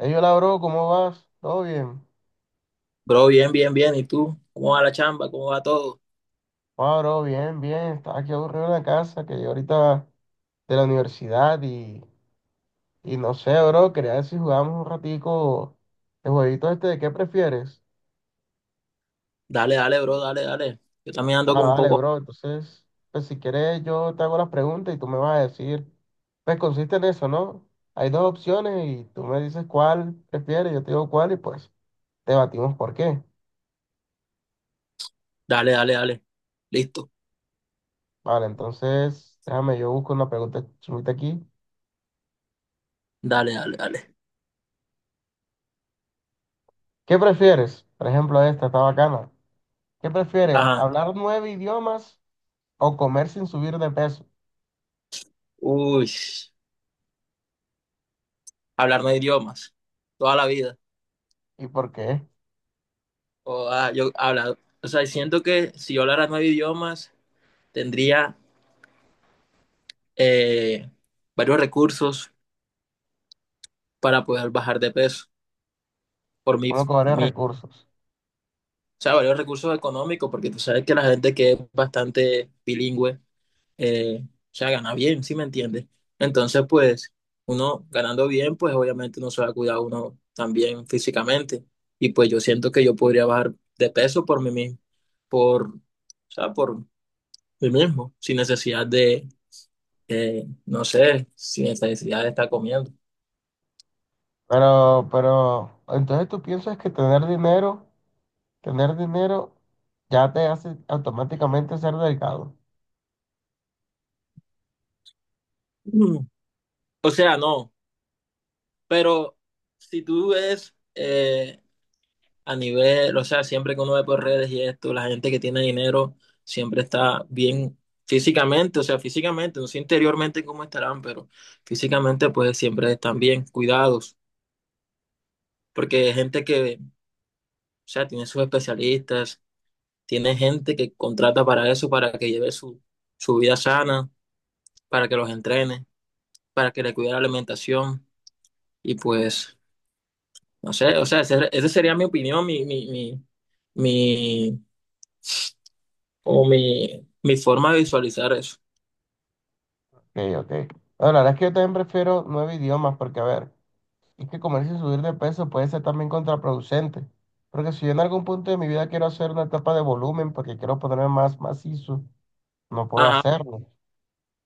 Ey, hola, bro, ¿cómo vas? ¿Todo bien? Bro, bien, bien, bien. ¿Y tú? ¿Cómo va la chamba? ¿Cómo va todo? Ah, bro, bien, bien. Estaba aquí aburrido en la casa, que yo ahorita de la universidad y no sé, bro, quería ver si jugamos un ratico el jueguito este de qué prefieres. Dale, dale, bro, dale, dale. Yo también ando como Ah, un dale, poco. bro, entonces, pues si quieres yo te hago las preguntas y tú me vas a decir, pues consiste en eso, ¿no? Hay dos opciones y tú me dices cuál prefieres, yo te digo cuál y pues debatimos por qué. Dale, dale, dale. Listo. Vale, entonces, déjame, yo busco una pregunta chulita aquí. Dale, dale, dale. ¿Qué prefieres? Por ejemplo, esta está bacana. ¿Qué prefieres? Ajá. ¿Hablar nueve idiomas o comer sin subir de peso? Uy, hablar nueve idiomas. Toda la vida. ¿Y por qué? O, ah, o sea, siento que si yo hablara nueve idiomas, tendría eh, varios recursos para poder bajar de peso. Por mi, ¿Cómo cobrar mi, o recursos? sea, varios recursos económicos, porque tú sabes que la gente que es bastante bilingüe o sea, gana bien, ¿sí me entiendes? Entonces, pues, uno ganando bien, pues obviamente uno se va a cuidar uno también físicamente. Y pues yo siento que yo podría bajar de peso por mí mismo, o sea, por mí mismo, sin necesidad de, no sé, sin necesidad de estar comiendo. Entonces tú piensas que tener dinero ya te hace automáticamente ser delgado. Mm, O sea, no, pero si tú ves, a nivel, o sea, siempre que uno ve por redes y esto, la gente que tiene dinero siempre está bien físicamente, o sea, físicamente, no sé interiormente cómo estarán, pero físicamente pues siempre están bien cuidados, porque hay gente que, o sea, tiene sus especialistas, tiene gente que contrata para eso, para que lleve su, su vida sana, para que los entrene, para que le cuide la alimentación y pues, no sé, o sea, esa sería mi opinión, mi mi forma de visualizar eso. Ok, ok. Bueno, la verdad es que yo también prefiero nueve idiomas porque, a ver, es que comer sin subir de peso puede ser también contraproducente. Porque si yo en algún punto de mi vida quiero hacer una etapa de volumen porque quiero ponerme más macizo, no puedo Ajá, hacerlo.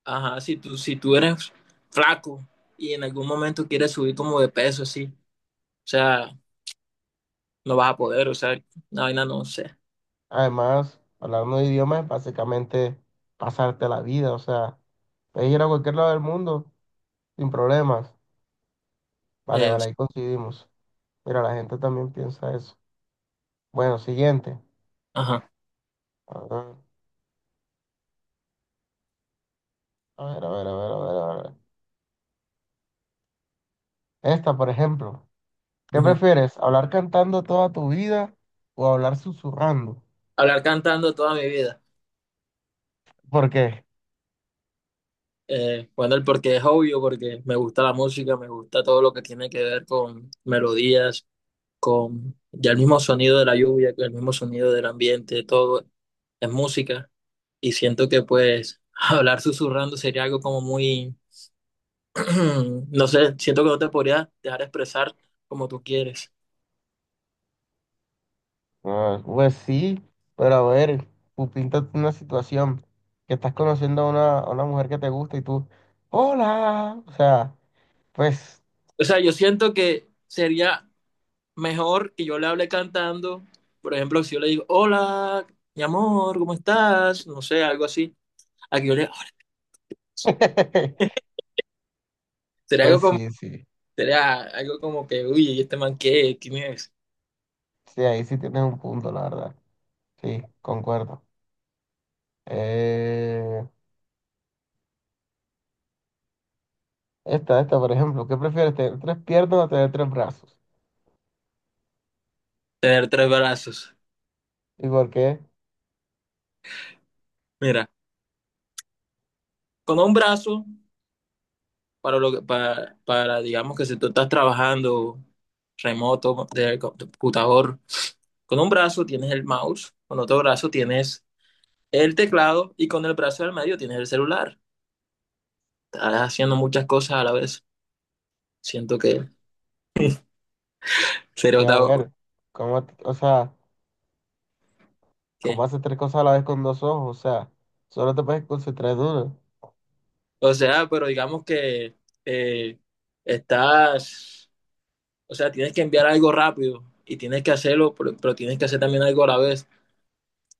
ajá, si tú eres flaco y en algún momento quieres subir como de peso, así, o sea, no vas a poder, o sea, una vaina no sé. Además, hablando de idiomas es básicamente pasarte la vida. O sea, puedes ir a cualquier lado del mundo sin problemas. Vale, Eh, vale, ahí coincidimos. Mira, la gente también piensa eso. Bueno, siguiente. ajá. A ver, a ver, a ver, a ver, a ver, a ver. Esta, por ejemplo. ¿Qué Ujú. prefieres? ¿Hablar cantando toda tu vida o hablar susurrando? Hablar cantando toda mi vida. ¿Por qué? Bueno, el porque es obvio, porque me gusta la música, me gusta todo lo que tiene que ver con melodías, con ya el mismo sonido de la lluvia, el mismo sonido del ambiente, todo es música. Y siento que pues hablar susurrando sería algo como muy no sé, siento que no te podría dejar expresar como tú quieres. Ah, pues sí, pero a ver, tú píntate una situación que estás conociendo a una mujer que te gusta y tú, hola, o sea, pues, O sea, yo siento que sería mejor que yo le hable cantando. Por ejemplo, si yo le digo, hola, mi amor, ¿cómo estás? No sé, algo así. A que yo le, sería pues algo como, sí, sí, sería algo como que, uy, ¿y este man qué? ¿Quién es? sí, ahí sí tienes un punto, la verdad, sí, concuerdo. Eh, esta, por ejemplo, ¿qué prefieres, tener tres piernas o tener tres brazos? Tener tres brazos. ¿Y por qué? Mira, con un brazo, para lo que, para, digamos que si tú estás trabajando remoto, de computador. Con un brazo tienes el mouse, con otro brazo tienes el teclado y con el brazo del medio tienes el celular. Estás haciendo muchas cosas a la vez. Siento sería Porque, a otra- ver, ¿ o sea, ¿cómo que, haces tres cosas a la vez con dos ojos? O sea, solo te puedes concentrar en uno. o sea, pero digamos que eh, estás, o sea, tienes que enviar algo rápido y tienes que hacerlo, pero tienes que hacer también algo a la vez.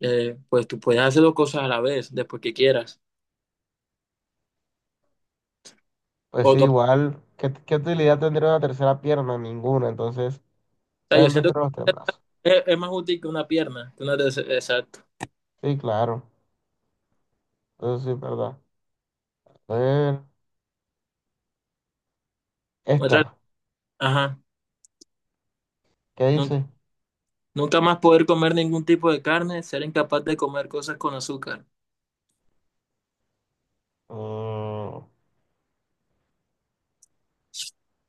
Pues tú puedes hacer dos cosas a la vez, después que quieras. Pues sí, O igual, ¿qué utilidad tendría una tercera pierna? Ninguna, entonces sea, yo también siento prefiero los tres que brazos. es más útil que una pierna, que una de- exacto. Sí, claro, eso sí es verdad. A ver, Otra- esta, ajá. ¿qué No, dice? nunca más poder comer ningún tipo de carne, ser incapaz de comer cosas con azúcar. Mm,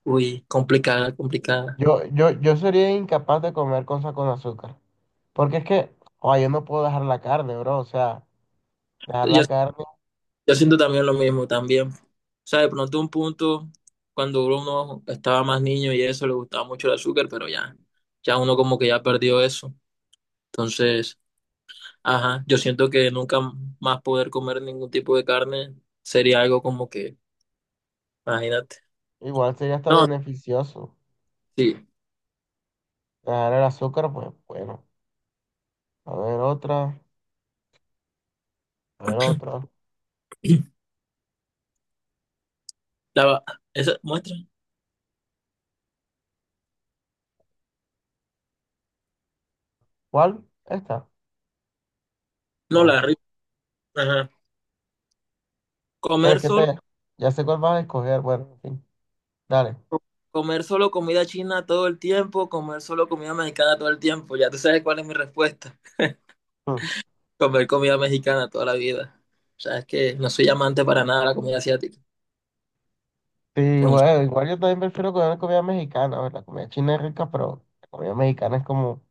Uy, complicada, complicada. yo sería incapaz de comer cosas con azúcar, porque es que, oh, yo no puedo dejar la carne, bro. O sea, dejar Yo, la carne yo siento también lo mismo, también. O sea, de pronto un punto, cuando uno estaba más niño y eso, le gustaba mucho el azúcar, pero ya uno como que ya perdió eso. Entonces, ajá, yo siento que nunca más poder comer ningún tipo de carne sería algo como que, imagínate. igual sería hasta No, beneficioso. sí. Dejar el azúcar, pues bueno, a ver otra, a ver otra. La, va- esa muestra. ¿Cuál? Esta, No, o la esta. rica. Ajá. Pero es Comer que te, solo ya sé cuál vas a escoger, bueno, en fin. Dale. co- Comer solo comida china todo el tiempo, comer solo comida mexicana todo el tiempo. Ya tú sabes cuál es mi respuesta. Mm. Comer comida mexicana toda la vida. O sea, es que no soy amante para nada de la comida asiática. Sí, Entonces, bueno, igual yo también prefiero comer comida mexicana a la comida china. Es rica, pero la comida mexicana es como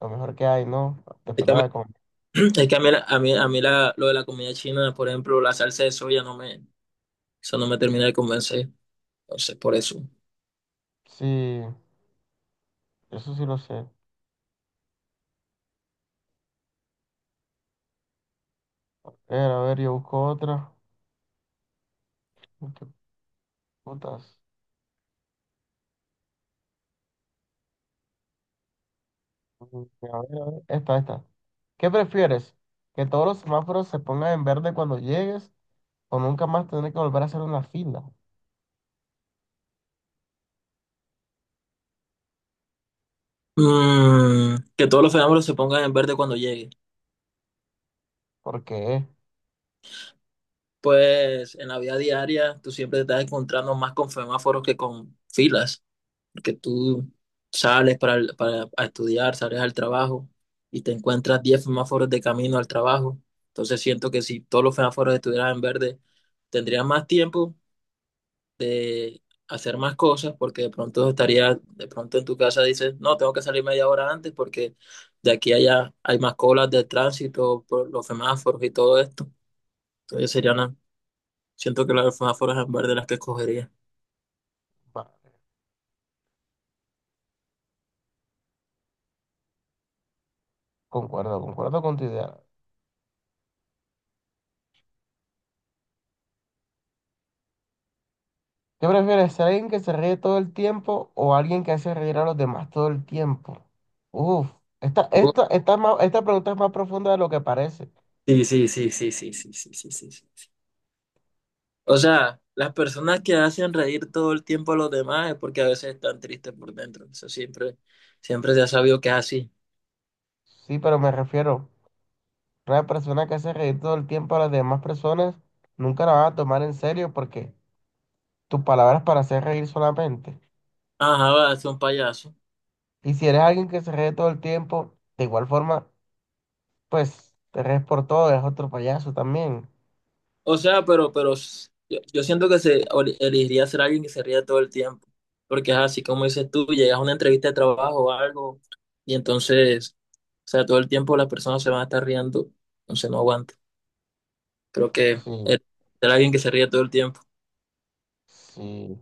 lo mejor que hay, ¿no? es Después que de a mí, la comida. es que a mí, a mí, lo de la comida china, por ejemplo, la salsa de soya eso no me termina de convencer. Entonces, por eso. Sí, eso sí lo sé. A ver, yo busco otra. ¿Qué putas? Mm, a ver, esta, ¿Qué prefieres? ¿Que todos los semáforos se pongan en verde cuando llegues o nunca más tener que volver a hacer una fila? Que todos los fenómenos se pongan en verde cuando llegue. Porque, Pues en la vida diaria tú siempre te estás encontrando más con semáforos que con filas. Porque tú sales para a estudiar, sales al trabajo y te encuentras 10 semáforos de camino al trabajo. Entonces siento que si todos los semáforos estuvieran en verde, tendrías más tiempo de hacer más cosas porque de pronto estarías, de pronto en tu casa dices, no, tengo que salir media hora antes porque de aquí a allá hay más colas de tránsito por los semáforos y todo esto. Entonces siento que las semáforos en verde las que escogería. concuerdo con tu idea. ¿Qué prefieres, ser alguien que se ríe todo el tiempo o alguien que hace reír a los demás todo el tiempo? Uf, Uh, esta pregunta es más profunda de lo que parece. Sí, sí, sí, sí, sí, sí, sí, sí, sí. O sea, las personas que hacen reír todo el tiempo a los demás es porque a veces están tristes por dentro. Eso siempre, siempre se ha sabido que es así. Sí, pero me refiero, una persona que hace reír todo el tiempo a las demás personas, nunca la van a tomar en serio porque tus palabras para hacer reír solamente. Ajá, va, es un payaso. Y si eres alguien que se ríe todo el tiempo, de igual forma, pues te ríes por todo, eres otro payaso también. O sea, pero yo siento que elegiría ser alguien que se ría todo el tiempo. Porque es así como dices tú, llegas a una entrevista de trabajo o algo, y entonces, o sea, todo el tiempo las personas se van a estar riendo, entonces no aguanta. Creo que Sí, eh, ser alguien que se ríe todo el tiempo. sí.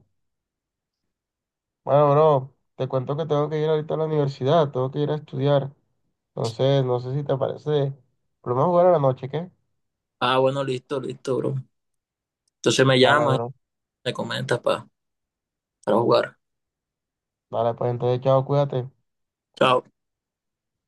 Bueno, bro, te cuento que tengo que ir ahorita a la universidad, tengo que ir a estudiar. Entonces, no sé si te parece. Pero vamos a jugar a la noche, ¿qué? Ah, bueno, listo, listo, bro. Entonces me Dale, llamas bro. me comentas para jugar. Dale, pues entonces, chao, cuídate. Chao.